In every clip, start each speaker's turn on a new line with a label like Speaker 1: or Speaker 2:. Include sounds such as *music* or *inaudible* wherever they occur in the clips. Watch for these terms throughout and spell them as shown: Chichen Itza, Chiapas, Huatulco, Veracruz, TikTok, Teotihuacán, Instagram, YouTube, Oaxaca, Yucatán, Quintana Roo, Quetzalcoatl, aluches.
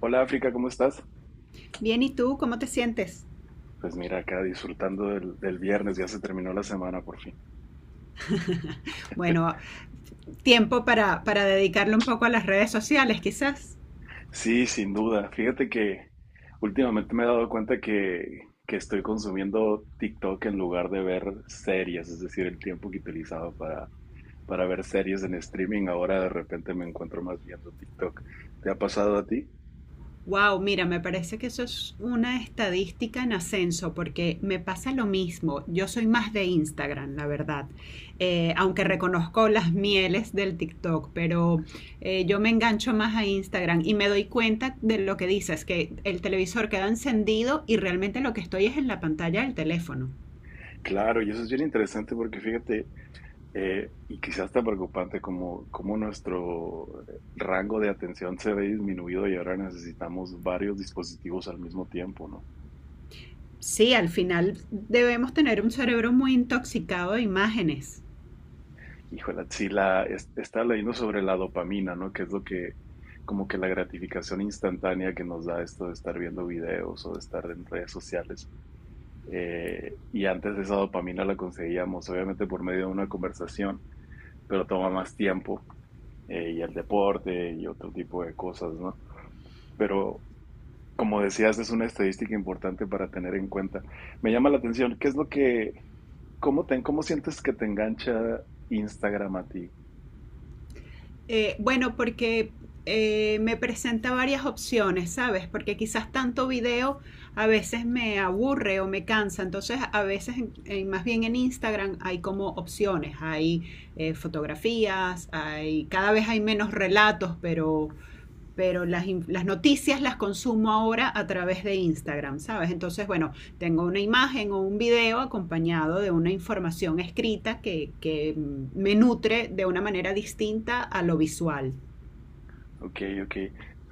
Speaker 1: Hola África, ¿cómo estás?
Speaker 2: Bien, ¿y tú cómo te sientes?
Speaker 1: Pues mira, acá disfrutando del viernes, ya se terminó la semana por fin.
Speaker 2: Bueno, tiempo para dedicarle un poco a las redes sociales, quizás.
Speaker 1: Sí, sin duda. Fíjate que últimamente me he dado cuenta que estoy consumiendo TikTok en lugar de ver series, es decir, el tiempo que utilizaba para ver series en streaming, ahora de repente me encuentro más viendo TikTok. ¿Te ha pasado a ti?
Speaker 2: Wow, mira, me parece que eso es una estadística en ascenso porque me pasa lo mismo. Yo soy más de Instagram, la verdad. Aunque reconozco las mieles del TikTok, pero yo me engancho más a Instagram y me doy cuenta de lo que dices, que el televisor queda encendido y realmente lo que estoy es en la pantalla del teléfono.
Speaker 1: Claro, y eso es bien interesante porque fíjate, y quizás tan preocupante como, como nuestro rango de atención se ve disminuido y ahora necesitamos varios dispositivos al mismo tiempo, ¿no?
Speaker 2: Sí, al final debemos tener un cerebro muy intoxicado de imágenes.
Speaker 1: Híjole, sí, estaba leyendo sobre la dopamina, ¿no? Que es lo que, como que la gratificación instantánea que nos da esto de estar viendo videos o de estar en redes sociales. Y antes esa dopamina la conseguíamos, obviamente, por medio de una conversación, pero toma más tiempo, y el deporte y otro tipo de cosas, ¿no? Pero como decías, es una estadística importante para tener en cuenta. Me llama la atención, ¿qué es lo que, cómo sientes que te engancha Instagram a ti?
Speaker 2: Bueno, porque me presenta varias opciones, ¿sabes? Porque quizás tanto video a veces me aburre o me cansa. Entonces, a veces, más bien en Instagram, hay como opciones. Hay fotografías, hay, cada vez hay menos relatos, pero las noticias las consumo ahora a través de Instagram, ¿sabes? Entonces, bueno, tengo una imagen o un video acompañado de una información escrita que me nutre de una manera distinta a lo visual.
Speaker 1: Ok, ok,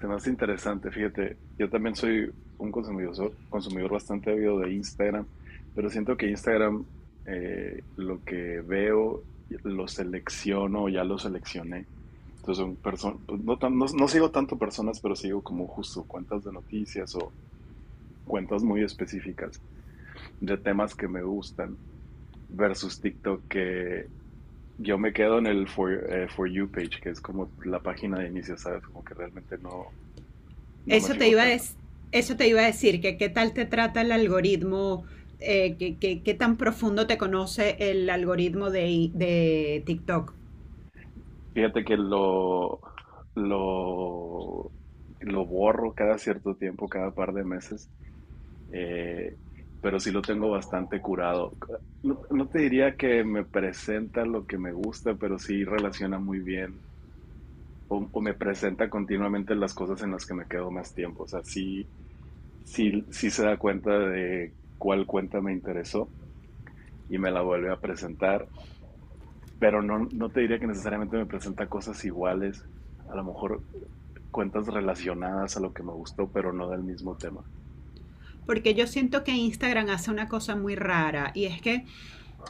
Speaker 1: se me hace interesante. Fíjate, yo también soy un consumidor bastante ávido de Instagram, pero siento que Instagram, lo que veo, lo selecciono, ya lo seleccioné. Entonces son personas, no, no sigo tanto personas, pero sigo como justo cuentas de noticias o cuentas muy específicas de temas que me gustan versus TikTok que yo me quedo en el for You page, que es como la página de inicio, ¿sabes? Como que realmente no, no me
Speaker 2: Eso te
Speaker 1: fijo
Speaker 2: iba a,
Speaker 1: tanto.
Speaker 2: des, Eso te iba a decir, que qué tal te trata el algoritmo, qué tan profundo te conoce el algoritmo de TikTok.
Speaker 1: Fíjate que lo, lo borro cada cierto tiempo, cada par de meses, eh, pero sí lo tengo bastante curado. No, no te diría que me presenta lo que me gusta, pero sí relaciona muy bien o me presenta continuamente las cosas en las que me quedo más tiempo. O sea, sí, sí, sí se da cuenta de cuál cuenta me interesó y me la vuelve a presentar, pero no, no te diría que necesariamente me presenta cosas iguales, a lo mejor cuentas relacionadas a lo que me gustó, pero no del mismo tema.
Speaker 2: Porque yo siento que Instagram hace una cosa muy rara y es que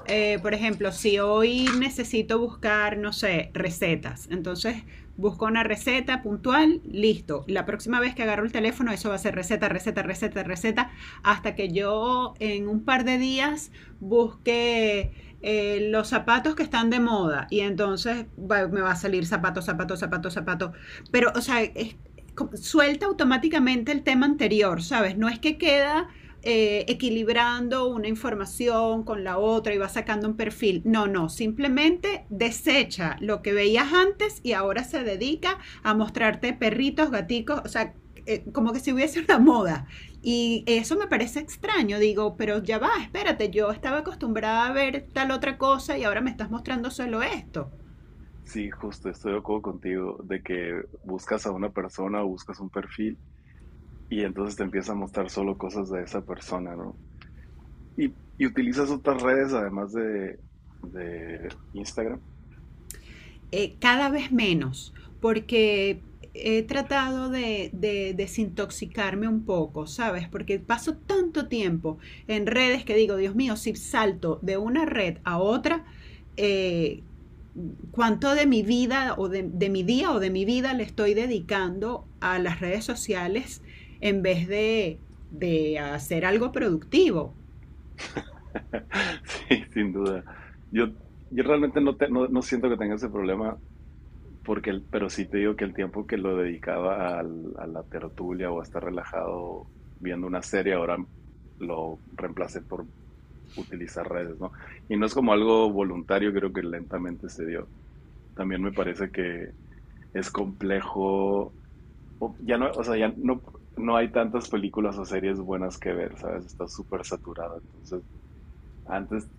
Speaker 2: por ejemplo, si hoy necesito buscar, no sé, recetas, entonces busco una receta puntual, listo. La próxima vez que agarro el teléfono, eso va a ser receta, receta, receta, receta, hasta que yo en un par de días busque los zapatos que están de moda y entonces me va a salir zapato, zapato, zapato, zapato. Pero, o sea, suelta automáticamente el tema anterior, ¿sabes? No es que queda equilibrando una información con la otra y va sacando un perfil. No, no, simplemente desecha lo que veías antes y ahora se dedica a mostrarte perritos, gaticos, o sea, como que si hubiese una moda. Y eso me parece extraño, digo, pero ya va, espérate, yo estaba acostumbrada a ver tal otra cosa y ahora me estás mostrando solo esto.
Speaker 1: Sí, justo, estoy de acuerdo contigo de que buscas a una persona o buscas un perfil y entonces te empieza a mostrar solo cosas de esa persona, ¿no? Y utilizas otras redes además de Instagram.
Speaker 2: Cada vez menos, porque he tratado de desintoxicarme un poco, ¿sabes? Porque paso tanto tiempo en redes que digo, Dios mío, si salto de una red a otra, eh, cuánto de mi vida o mi día o de mi vida le estoy dedicando a las redes sociales en vez de hacer algo productivo.
Speaker 1: *laughs* Sí, sin duda. Yo, yo realmente no, no, no siento que tenga ese problema, porque pero sí te digo que el tiempo que lo dedicaba a la tertulia o a estar relajado viendo una serie, ahora lo reemplacé por utilizar redes, ¿no? Y no es como algo voluntario, creo que lentamente se dio. También me parece que es complejo, o ya no, o sea, ya no, no hay tantas películas o series buenas que ver, ¿sabes? Está súper saturado, entonces... Antes,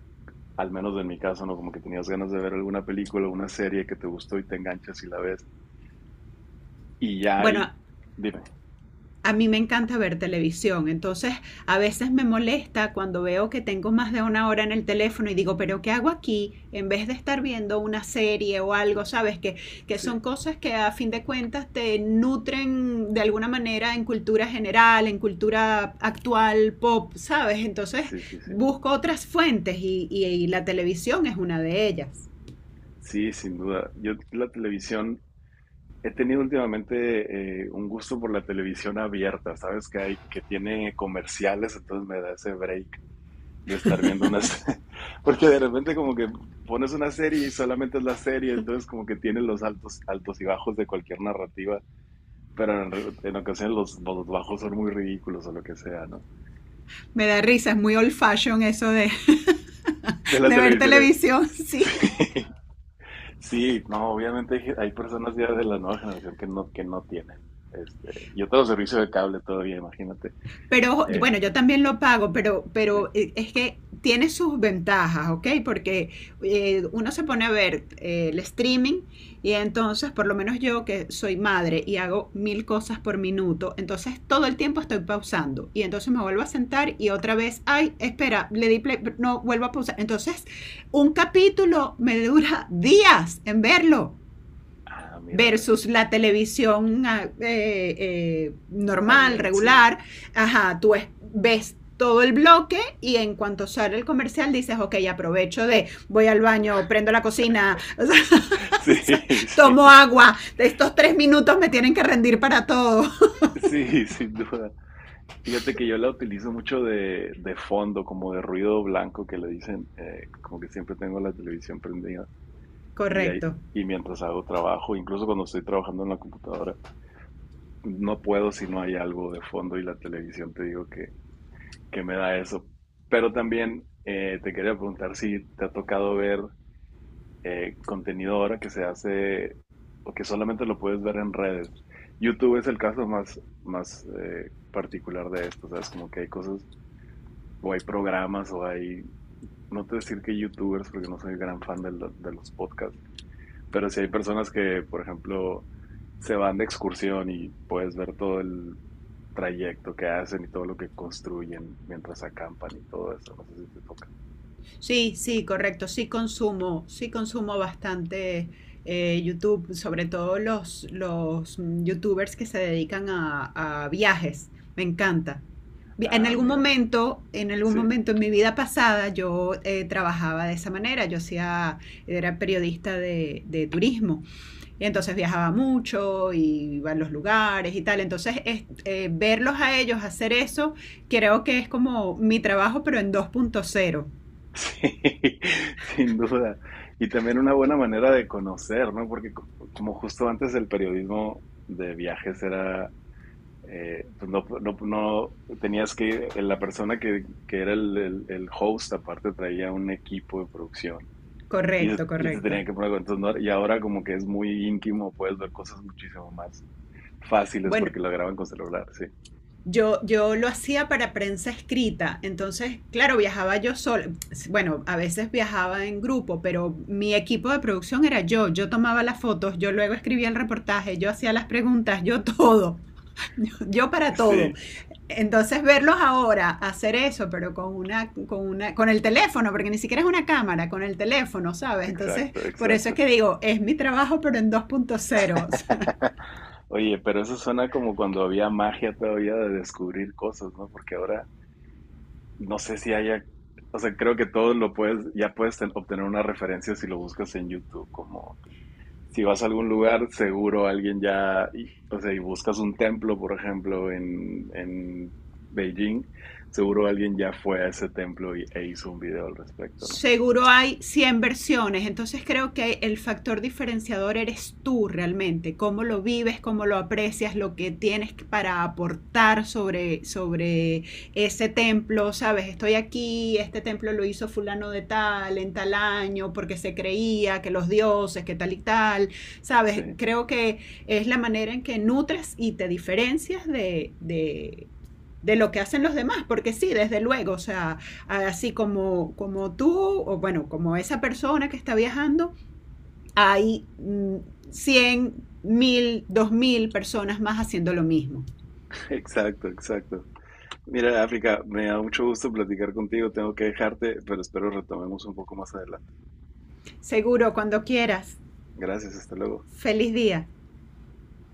Speaker 1: al menos en mi caso, ¿no? Como que tenías ganas de ver alguna película, una serie que te gustó y te enganchas y la ves. Y ya ahí,
Speaker 2: Bueno,
Speaker 1: dime,
Speaker 2: a mí me encanta ver televisión, entonces a veces me molesta cuando veo que tengo más de 1 hora en el teléfono y digo, pero ¿qué hago aquí? En vez de estar viendo una serie o algo, ¿sabes? Que
Speaker 1: sí,
Speaker 2: son cosas que a fin de cuentas te nutren de alguna manera en cultura general, en cultura actual, pop, ¿sabes? Entonces
Speaker 1: sí, sí, sí.
Speaker 2: busco otras fuentes y la televisión es una de ellas.
Speaker 1: Sí, sin duda. Yo la televisión, he tenido últimamente un gusto por la televisión abierta, ¿sabes? Que hay, que tiene comerciales, entonces me da ese break de estar viendo una serie. *laughs* Porque de repente como que pones una serie y solamente es la serie, entonces como que tiene los altos, altos y bajos de cualquier narrativa, pero en ocasiones los bajos son muy ridículos o lo que sea, ¿no?
Speaker 2: Me da risa, es muy old fashion eso de,
Speaker 1: De
Speaker 2: *laughs*
Speaker 1: la
Speaker 2: de ver
Speaker 1: televisión. *laughs*
Speaker 2: televisión, *laughs* sí.
Speaker 1: Sí, sí, no, obviamente hay, hay personas ya de la nueva generación que no tienen, este, yo tengo servicio de cable todavía, imagínate.
Speaker 2: Pero
Speaker 1: Eh,
Speaker 2: bueno, yo también lo pago, pero,
Speaker 1: sí.
Speaker 2: pero eh, es que tiene sus ventajas, ¿ok? Porque uno se pone a ver el streaming y entonces, por lo menos yo que soy madre y hago mil cosas por minuto, entonces todo el tiempo estoy pausando y entonces me vuelvo a sentar y otra vez, ay, espera, le di play, no, vuelvo a pausar. Entonces, un capítulo me dura días en verlo
Speaker 1: Ah, mira,
Speaker 2: versus la televisión normal,
Speaker 1: había, sí.
Speaker 2: regular, ajá, tú ves todo el bloque y en cuanto sale el comercial dices, ok, aprovecho de, voy al baño, prendo la cocina,
Speaker 1: *laughs* Sí,
Speaker 2: *laughs* tomo
Speaker 1: sí,
Speaker 2: agua, de estos 3 minutos me tienen que rendir para todo.
Speaker 1: sí, sin duda. Fíjate que yo la utilizo mucho de fondo, como de ruido blanco que le dicen, como que siempre tengo la televisión prendida
Speaker 2: *laughs*
Speaker 1: y,
Speaker 2: Correcto.
Speaker 1: y mientras hago trabajo, incluso cuando estoy trabajando en la computadora, no puedo si no hay algo de fondo, y la televisión te digo que me da eso. Pero también te quería preguntar si te ha tocado ver contenido ahora que se hace o que solamente lo puedes ver en redes. YouTube es el caso más, más particular de esto, ¿sabes? Como que hay cosas o hay programas o hay... No te voy a decir que youtubers, porque no soy gran fan de los podcasts. Pero si hay personas que, por ejemplo, se van de excursión y puedes ver todo el trayecto que hacen y todo lo que construyen mientras acampan y todo eso, no sé si te toca.
Speaker 2: Sí, sí, correcto. Sí consumo bastante YouTube, sobre todo los YouTubers que se dedican a viajes. Me encanta. En
Speaker 1: Ah,
Speaker 2: algún
Speaker 1: mira,
Speaker 2: momento, en algún
Speaker 1: sí,
Speaker 2: momento en mi vida pasada, yo trabajaba de esa manera. Era periodista de turismo. Y entonces viajaba mucho, y iba a los lugares y tal. Entonces, verlos a ellos hacer eso, creo que es como mi trabajo, pero en 2.0.
Speaker 1: *laughs* sí, sin duda. Y también una buena manera de conocer, ¿no? Porque como justo antes el periodismo de viajes era, pues tenías que, la persona que era el, el host, aparte traía un equipo de producción y
Speaker 2: Correcto,
Speaker 1: y se
Speaker 2: correcto.
Speaker 1: tenían que poner con entonces, ¿no? Y ahora como que es muy íntimo, puedes ver cosas muchísimo más fáciles
Speaker 2: Bueno,
Speaker 1: porque lo graban con celular, sí.
Speaker 2: yo lo hacía para prensa escrita, entonces, claro, viajaba yo sola. Bueno, a veces viajaba en grupo, pero mi equipo de producción era yo. Yo tomaba las fotos, yo luego escribía el reportaje, yo hacía las preguntas, yo todo. *laughs* Yo para
Speaker 1: Sí,
Speaker 2: todo. Entonces verlos ahora hacer eso, pero con el teléfono, porque ni siquiera es una cámara, con el teléfono, ¿sabes? Entonces,
Speaker 1: exacto,
Speaker 2: por eso es
Speaker 1: exacto.
Speaker 2: que digo, es mi trabajo, pero en dos punto cero. *laughs*
Speaker 1: *laughs* Oye, pero eso suena como cuando había magia todavía de descubrir cosas, ¿no? Porque ahora no sé si haya, o sea, creo que todo lo puedes, ya puedes obtener una referencia si lo buscas en YouTube, como si vas a algún lugar, seguro alguien ya, o sea, y buscas un templo, por ejemplo, en Beijing, seguro alguien ya fue a ese templo e hizo un video al respecto, ¿no?
Speaker 2: Seguro hay 100 versiones, entonces creo que el factor diferenciador eres tú realmente, cómo lo vives, cómo lo aprecias, lo que tienes para aportar sobre ese templo, sabes, estoy aquí, este templo lo hizo fulano de tal, en tal año, porque se creía que los dioses, que tal y tal, sabes,
Speaker 1: Sí,
Speaker 2: creo que es la manera en que nutres y te diferencias de lo que hacen los demás, porque sí, desde luego, o sea, así como tú, o bueno, como esa persona que está viajando, hay 100 1.000 2.000 personas más haciendo lo mismo.
Speaker 1: *laughs* exacto, exacto. Mira, África, me da mucho gusto platicar contigo, tengo que dejarte, pero espero retomemos un poco más adelante.
Speaker 2: Seguro, cuando quieras.
Speaker 1: Gracias, hasta luego.
Speaker 2: Feliz día.